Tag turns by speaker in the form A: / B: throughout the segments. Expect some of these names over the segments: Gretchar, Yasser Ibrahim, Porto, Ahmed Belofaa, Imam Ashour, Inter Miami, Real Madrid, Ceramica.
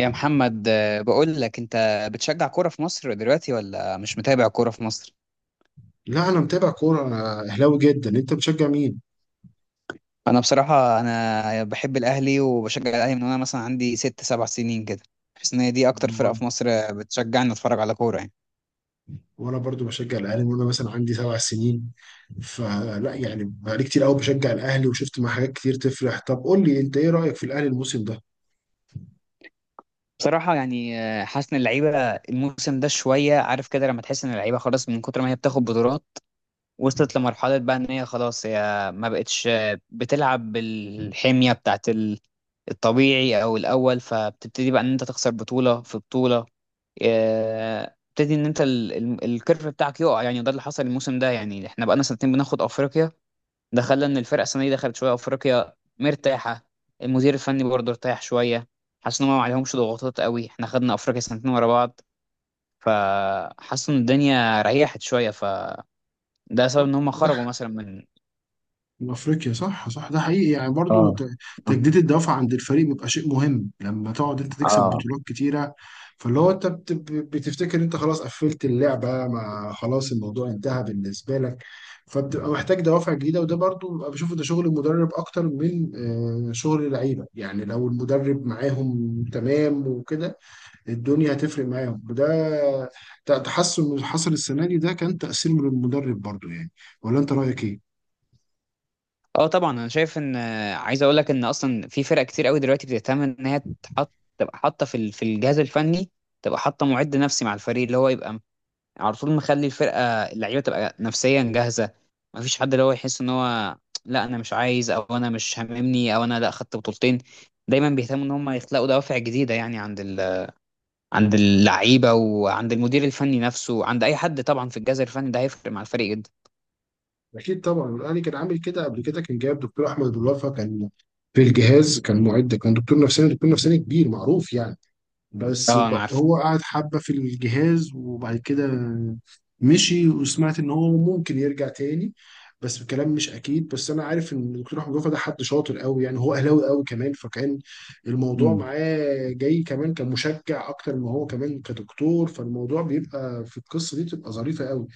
A: يا محمد، بقول لك انت بتشجع كوره في مصر دلوقتي ولا مش متابع كوره في مصر؟
B: لا، انا متابع كوره. انا اهلاوي جدا. انت بتشجع مين؟
A: انا بصراحه، انا بحب الاهلي وبشجع الاهلي من وانا مثلا عندي ست سبع سنين كده. بحس ان هي دي اكتر فرقه في مصر بتشجعني اتفرج على كوره يعني.
B: وانا برضو بشجع الاهلي من وانا مثلا عندي 7 سنين. فلا يعني بقالي كتير قوي بشجع الاهلي وشفت مع حاجات كتير تفرح. طب قول لي انت ايه رايك في الاهلي الموسم ده؟
A: بصراحه يعني حاسس ان اللعيبه الموسم ده شويه، عارف كده لما تحس ان اللعيبه خلاص من كتر ما هي بتاخد بطولات، وصلت لمرحله بقى ان هي خلاص هي ما بقتش بتلعب بالحميه بتاعت الطبيعي او الاول، فبتبتدي بقى ان انت تخسر بطوله في بطوله. ابتدي ان انت الكيرف بتاعك يقع، يعني ده اللي حصل الموسم ده. يعني احنا بقالنا سنتين بناخد افريقيا، ده خلى ان الفرقه السنه دي دخلت شويه افريقيا مرتاحه. المدير الفني برضه ارتاح شويه، حاسس ان هم ما عليهمش ضغوطات قوي. احنا خدنا افريقيا سنتين ورا بعض، فحاسس ان الدنيا ريحت شويه، فده سبب ان هم
B: ده
A: خرجوا مثلا من.
B: افريقيا صح صح، ده حقيقي، يعني برضو
A: اه.
B: تجديد الدوافع عند الفريق بيبقى شيء مهم لما تقعد انت تكسب
A: اه.
B: بطولات كتيره. فاللي هو انت بتفتكر انت خلاص قفلت اللعبه، ما خلاص الموضوع انتهى بالنسبه لك، فبتبقى محتاج دوافع جديده. وده برضو ببقى بشوفه، ده شغل المدرب اكتر من شغل اللعيبه، يعني لو المدرب معاهم تمام وكده الدنيا هتفرق معاهم. وده تحسن اللي حصل السنه دي، ده كان تاثير من المدرب برضو يعني. ولا انت رايك ايه؟
A: اه طبعا، انا شايف ان عايز اقول لك ان اصلا في فرق كتير قوي دلوقتي بتهتم ان هي تحط، تبقى حاطه في في الجهاز الفني، تبقى حاطه معد نفسي مع الفريق، اللي هو يبقى على طول مخلي الفرقه اللعيبه تبقى نفسيا جاهزه. ما فيش حد اللي هو يحس ان هو لا انا مش عايز، او انا مش هاممني، او انا لا خدت بطولتين. دايما بيهتموا ان هم يخلقوا دوافع جديده، يعني عند عند اللعيبه وعند المدير الفني نفسه وعند اي حد طبعا في الجهاز الفني، ده هيفرق مع الفريق جدا.
B: اكيد طبعا. الاهلي كان عامل كده قبل كده، كان جايب دكتور احمد بلوفا، كان في الجهاز، كان معد، كان دكتور نفساني، دكتور نفساني كبير معروف يعني. بس
A: اه. انا
B: هو قعد حبه في الجهاز وبعد كده مشي، وسمعت ان هو ممكن يرجع تاني، بس الكلام مش اكيد. بس انا عارف ان الدكتور احمد وفا ده حد شاطر قوي يعني، هو اهلاوي قوي كمان، فكان الموضوع
A: عارف.
B: معاه جاي كمان كمشجع اكتر ما هو كمان كدكتور، فالموضوع بيبقى في القصه دي بتبقى ظريفه قوي.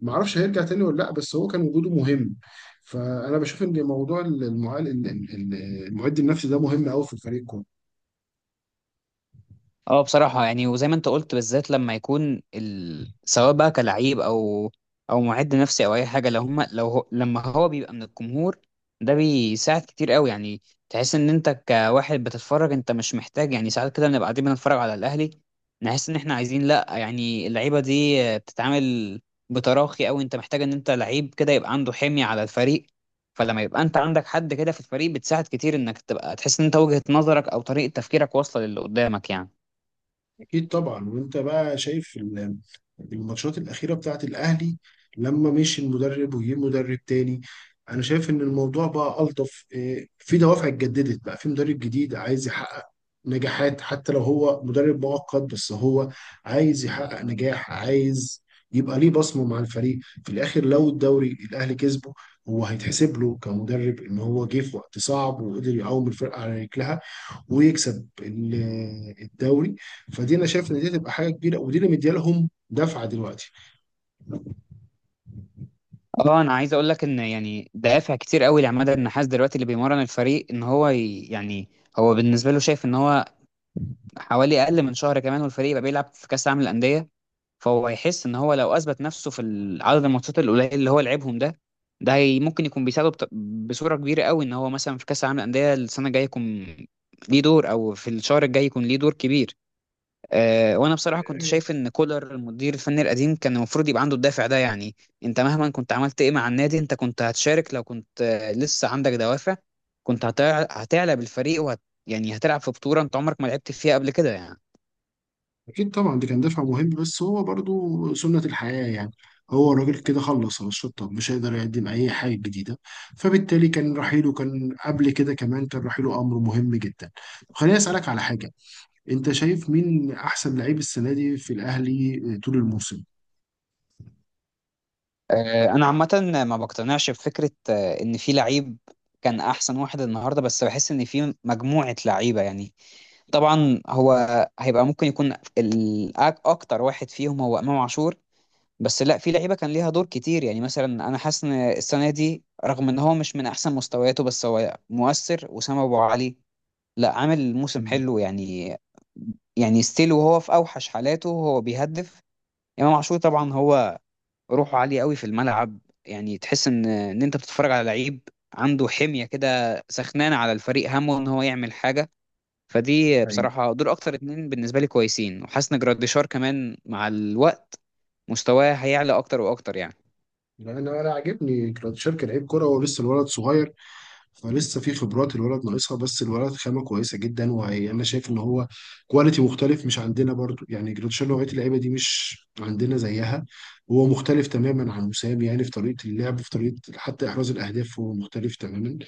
B: ما اعرفش هيرجع تاني ولا لا، بس هو كان وجوده مهم. فانا بشوف ان موضوع المعد النفسي ده مهم قوي في الفريق كله.
A: اه بصراحة يعني، وزي ما انت قلت، بالذات لما يكون سواء بقى كلعيب او او معد نفسي او اي حاجة، لو هم لو هو... لما هو بيبقى من الجمهور، ده بيساعد كتير قوي يعني. تحس ان انت كواحد بتتفرج، انت مش محتاج، يعني ساعات كده بنبقى قاعدين بنتفرج على الاهلي، نحس ان احنا عايزين لا، يعني اللعيبة دي بتتعامل بتراخي قوي. انت محتاج ان انت لعيب كده يبقى عنده حمية على الفريق، فلما يبقى انت عندك حد كده في الفريق، بتساعد كتير انك تبقى تحس ان انت وجهة نظرك او طريقة تفكيرك واصلة للي قدامك يعني.
B: اكيد طبعا. وانت بقى شايف الماتشات الاخيره بتاعت الاهلي لما مشي المدرب وجه مدرب تاني؟ انا شايف ان الموضوع بقى الطف، في دوافع اتجددت، بقى في مدرب جديد عايز يحقق نجاحات حتى لو هو مدرب مؤقت، بس هو عايز يحقق نجاح، عايز يبقى ليه بصمه مع الفريق. في الاخر لو الدوري الاهلي كسبه، هو هيتحسب له كمدرب ان هو جه في وقت صعب وقدر يقوم الفرقه على رجلها ويكسب الدوري. فدي انا شايف ان دي تبقى حاجه كبيره، ودي اللي مديالهم دفعه دلوقتي.
A: اه انا عايز اقول لك ان يعني دوافع كتير قوي لعماد النحاس دلوقتي اللي بيمرن الفريق، ان هو يعني هو بالنسبه له شايف ان هو حوالي اقل من شهر كمان والفريق يبقى بيلعب في كاس العالم للانديه. فهو هيحس ان هو لو اثبت نفسه في عدد الماتشات القليل اللي هو لعبهم ده، ده هي ممكن يكون بيساعده بصوره كبيره قوي ان هو مثلا في كاس العالم للانديه السنه الجايه يكون ليه دور، او في الشهر الجاي يكون ليه دور كبير. وانا بصراحه كنت شايف ان كولر المدير الفني القديم كان المفروض يبقى عنده الدافع ده يعني. انت مهما كنت عملت ايه مع النادي، انت كنت هتشارك لو كنت لسه عندك دوافع. كنت هتعلى بالفريق، وهت، يعني هتلعب في بطوله انت عمرك ما لعبت فيها قبل كده يعني.
B: اكيد طبعا دي كان دفع مهم، بس هو برضو سنة الحياة يعني، هو الراجل كده خلص على الشطة، مش هيقدر يقدم أي حاجة جديدة. فبالتالي كان رحيله، كان قبل كده كمان، كان رحيله أمر مهم جدا. خليني أسألك على حاجة. أنت شايف مين أحسن لعيب السنة دي في الأهلي طول الموسم؟
A: انا عامه ما بقتنعش بفكره ان في لعيب كان احسن واحد النهارده، بس بحس ان في مجموعه لعيبه يعني. طبعا هو هيبقى ممكن يكون اكتر واحد فيهم هو امام عاشور، بس لا، في لعيبه كان ليها دور كتير يعني. مثلا انا حاسس ان السنه دي، رغم ان هو مش من احسن مستوياته، بس هو مؤثر، وسام ابو علي. لا عامل موسم حلو يعني. يعني ستيل وهو في اوحش حالاته هو بيهدف. امام عاشور طبعا هو روحه عاليه قوي في الملعب. يعني تحس ان انت بتتفرج على لعيب عنده حميه كده، سخنانه على الفريق، همه ان هو يعمل حاجه. فدي
B: حقيقي.
A: بصراحه دول اكتر اتنين بالنسبه لي كويسين. وحاسس ان جراديشار كمان مع الوقت مستواه هيعلى اكتر واكتر يعني.
B: لأن أنا انا عاجبني كراتشار كلاعب كرة، هو لسه الولد صغير فلسه في خبرات الولد ناقصها، بس الولد خامه كويسه جدا. وانا شايف ان هو كواليتي مختلف مش عندنا برضو يعني، جريتشار نوعيه اللعيبه دي مش عندنا زيها. هو مختلف تماما عن وسام يعني، في طريقه اللعب، في طريقه حتى احراز الاهداف، هو مختلف تماما.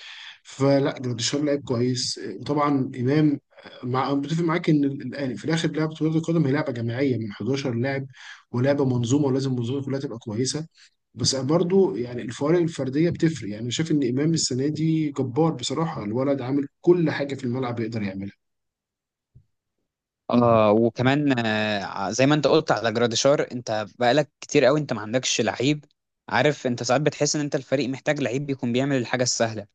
B: فلا جريتشار لعيب كويس، وطبعا امام. مع بتفق معاك ان الان في الاخر لعبه كره القدم هي لعبه جماعيه من 11 لاعب، ولعبه منظومه، ولازم المنظومه كلها تبقى كويسه. بس برضو يعني الفوارق الفرديه بتفرق يعني. أنا شايف ان امام السنه دي جبار بصراحه، الولد عامل كل حاجه في الملعب يقدر يعملها.
A: اه وكمان زي ما انت قلت على جراديشار، انت بقالك كتير قوي انت ما عندكش لعيب، عارف. انت ساعات بتحس ان انت الفريق محتاج لعيب بيكون بيعمل الحاجه السهله،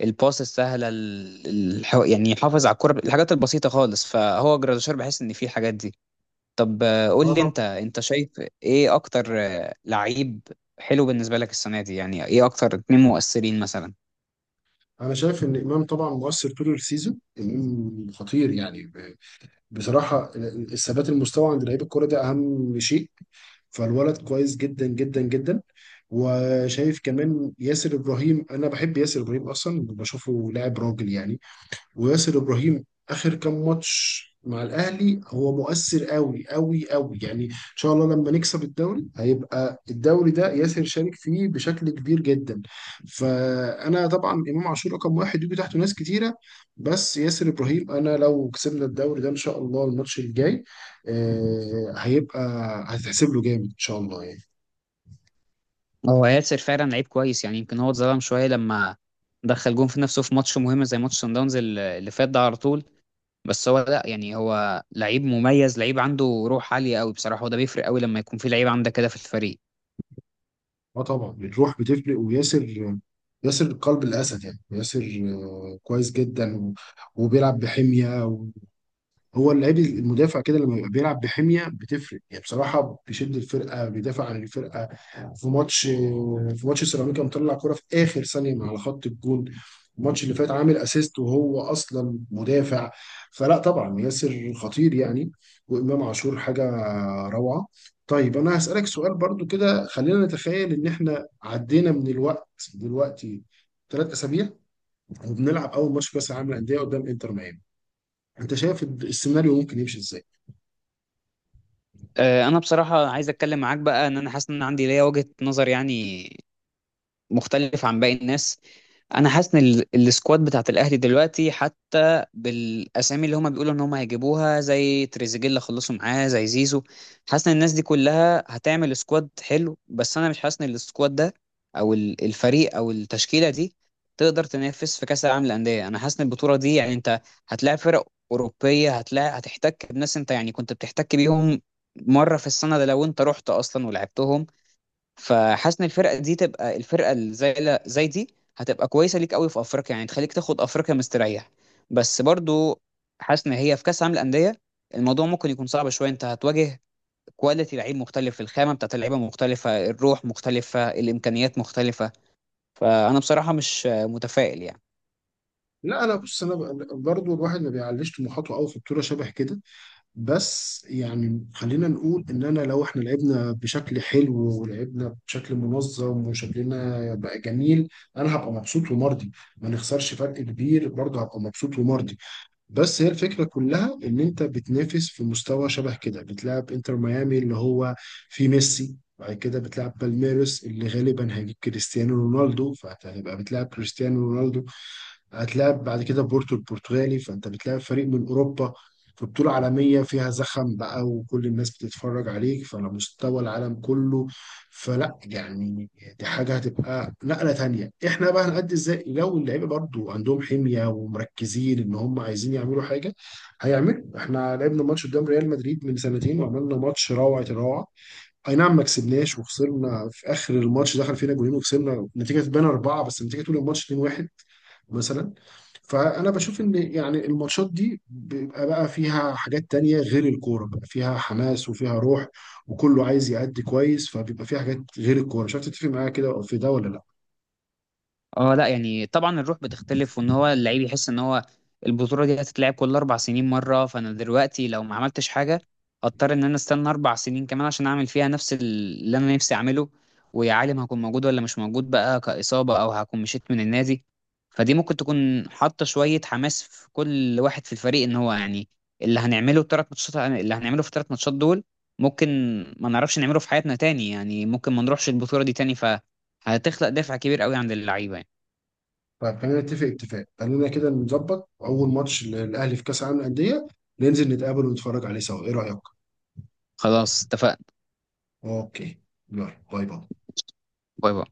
A: الباس السهله، يعني يحافظ على الكره، الحاجات البسيطه خالص، فهو جراديشار بحس ان في الحاجات دي. طب قول
B: اه
A: لي انت،
B: طبعا.
A: انت شايف ايه اكتر لعيب حلو بالنسبه لك السنه دي، يعني ايه اكتر اتنين مؤثرين مثلا؟
B: انا شايف ان امام طبعا مؤثر طول السيزون، امام خطير يعني. بصراحه الثبات المستوى عند لعيب الكوره ده اهم شيء، فالولد كويس جدا جدا جدا. وشايف كمان ياسر ابراهيم، انا بحب ياسر ابراهيم اصلا، بشوفه لاعب راجل يعني. وياسر ابراهيم اخر كام ماتش مع الاهلي هو مؤثر قوي قوي قوي يعني، ان شاء الله لما نكسب الدوري هيبقى الدوري ده ياسر شارك فيه بشكل كبير جدا. فانا طبعا امام عاشور رقم واحد، يجي تحته ناس كتيره، بس ياسر ابراهيم انا لو كسبنا الدوري ده ان شاء الله الماتش الجاي، هيبقى هتحسب له جامد ان شاء الله يعني.
A: هو ياسر فعلا لعيب كويس يعني، يمكن هو اتظلم شويه لما دخل جون في نفسه في ماتش مهم زي ماتش سان داونز اللي فات ده على طول، بس هو لا يعني، هو لعيب مميز، لعيب عنده روح عاليه قوي بصراحه، وده بيفرق قوي لما يكون في لعيب عندك كده في الفريق.
B: اه طبعا الروح بتفرق. وياسر، ياسر قلب الاسد يعني، ياسر كويس جدا وبيلعب بحميه. هو اللعيب المدافع كده لما بيبقى بيلعب بحميه بتفرق يعني، بصراحه بيشد الفرقه، بيدافع عن الفرقه. في ماتش، في ماتش سيراميكا مطلع كرة في اخر ثانيه من على خط الجون. الماتش اللي فات عامل اسيست وهو اصلا مدافع. فلا طبعا ياسر خطير يعني. وامام عاشور حاجه روعه. طيب انا هسالك سؤال برضو كده. خلينا نتخيل ان احنا عدينا من الوقت دلوقتي 3 اسابيع، وبنلعب اول ماتش كاس العالم للانديه قدام انتر ميامي. انت شايف السيناريو ممكن يمشي ازاي؟
A: انا بصراحه عايز اتكلم معاك بقى ان انا حاسس ان أنا عندي ليا وجهه نظر يعني مختلف عن باقي الناس. انا حاسس ان السكواد بتاعت الاهلي دلوقتي، حتى بالاسامي اللي هما بيقولوا ان هما هيجيبوها زي تريزيجيه خلصوا معاه، زي زيزو، حاسس ان الناس دي كلها هتعمل سكواد حلو، بس انا مش حاسس ان السكواد ده، او الفريق او التشكيله دي، تقدر تنافس في كاس العالم للانديه. انا حاسس ان البطوله دي يعني انت هتلاعب فرق اوروبيه، هتلاعب، هتحتك بناس انت يعني كنت بتحتك بيهم مره في السنه ده لو انت رحت اصلا ولعبتهم. فحاسس ان الفرقه دي تبقى الفرقه اللي زي لا- زي دي هتبقى كويسه ليك قوي في افريقيا يعني، تخليك تاخد افريقيا مستريح، بس برضو حاسس ان هي في كاس عالم الانديه الموضوع ممكن يكون صعب شويه. انت هتواجه كواليتي لعيب مختلف، الخامه بتاعت اللعيبه مختلفه، الروح مختلفه، الامكانيات مختلفه. فانا بصراحه مش متفائل يعني.
B: لا انا بص، انا برضو الواحد ما بيعليش طموحاته قوي في بطوله شبه كده. بس يعني خلينا نقول ان انا لو احنا لعبنا بشكل حلو ولعبنا بشكل منظم وشكلنا بقى جميل، انا هبقى مبسوط ومرضي. ما نخسرش فرق كبير برضه هبقى مبسوط ومرضي. بس هي الفكره كلها ان انت بتنافس في مستوى شبه كده، بتلعب انتر ميامي اللي هو في ميسي، بعد كده بتلعب بالميروس اللي غالبا هيجيب كريستيانو رونالدو فهتبقى بتلعب كريستيانو رونالدو، هتلاعب بعد كده بورتو البرتغالي، فانت بتلاعب فريق من اوروبا في بطولة عالمية فيها زخم بقى وكل الناس بتتفرج عليك، فعلى مستوى العالم كله. فلا يعني دي حاجة هتبقى نقلة تانية. احنا بقى هنأدي ازاي لو اللعيبة برضو عندهم حمية ومركزين ان هم عايزين يعملوا حاجة هيعملوا؟ احنا لعبنا ماتش قدام ريال مدريد من سنتين وعملنا ماتش روعة الروعة. اي نعم ما كسبناش وخسرنا في اخر الماتش، دخل فينا جولين وخسرنا نتيجه تبان اربعه، بس النتيجه طول الماتش 2-1 مثلا. فانا بشوف ان يعني الماتشات دي بيبقى بقى فيها حاجات تانية غير الكوره، بقى فيها حماس وفيها روح وكله عايز يأدي كويس، فبيبقى فيها حاجات غير الكوره. مش عارف تتفق معايا كده في ده ولا لا؟
A: اه لا يعني طبعا الروح بتختلف، وان هو اللعيب يحس ان هو البطوله دي هتتلعب كل 4 سنين مره. فانا دلوقتي لو ما عملتش حاجه، هضطر ان انا استنى 4 سنين كمان عشان اعمل فيها نفس اللي انا نفسي اعمله. ويا عالم هكون موجود ولا مش موجود بقى، كاصابه، او هكون مشيت من النادي. فدي ممكن تكون حاطه شويه حماس في كل واحد في الفريق، ان هو يعني اللي هنعمله في الـ3 ماتشات دول ممكن ما نعرفش نعمله في حياتنا تاني يعني، ممكن ما نروحش البطوله دي تاني، ف هتخلق دافع كبير قوي عند اللعيبه يعني.
B: طيب خلينا نتفق اتفاق، خلينا كده نظبط اول ماتش للاهلي في كاس العالم للانديه، ننزل نتقابل ونتفرج عليه سوا. ايه رايك؟
A: خلاص، اتفقنا.
B: اوكي. يلا باي باي.
A: باي باي.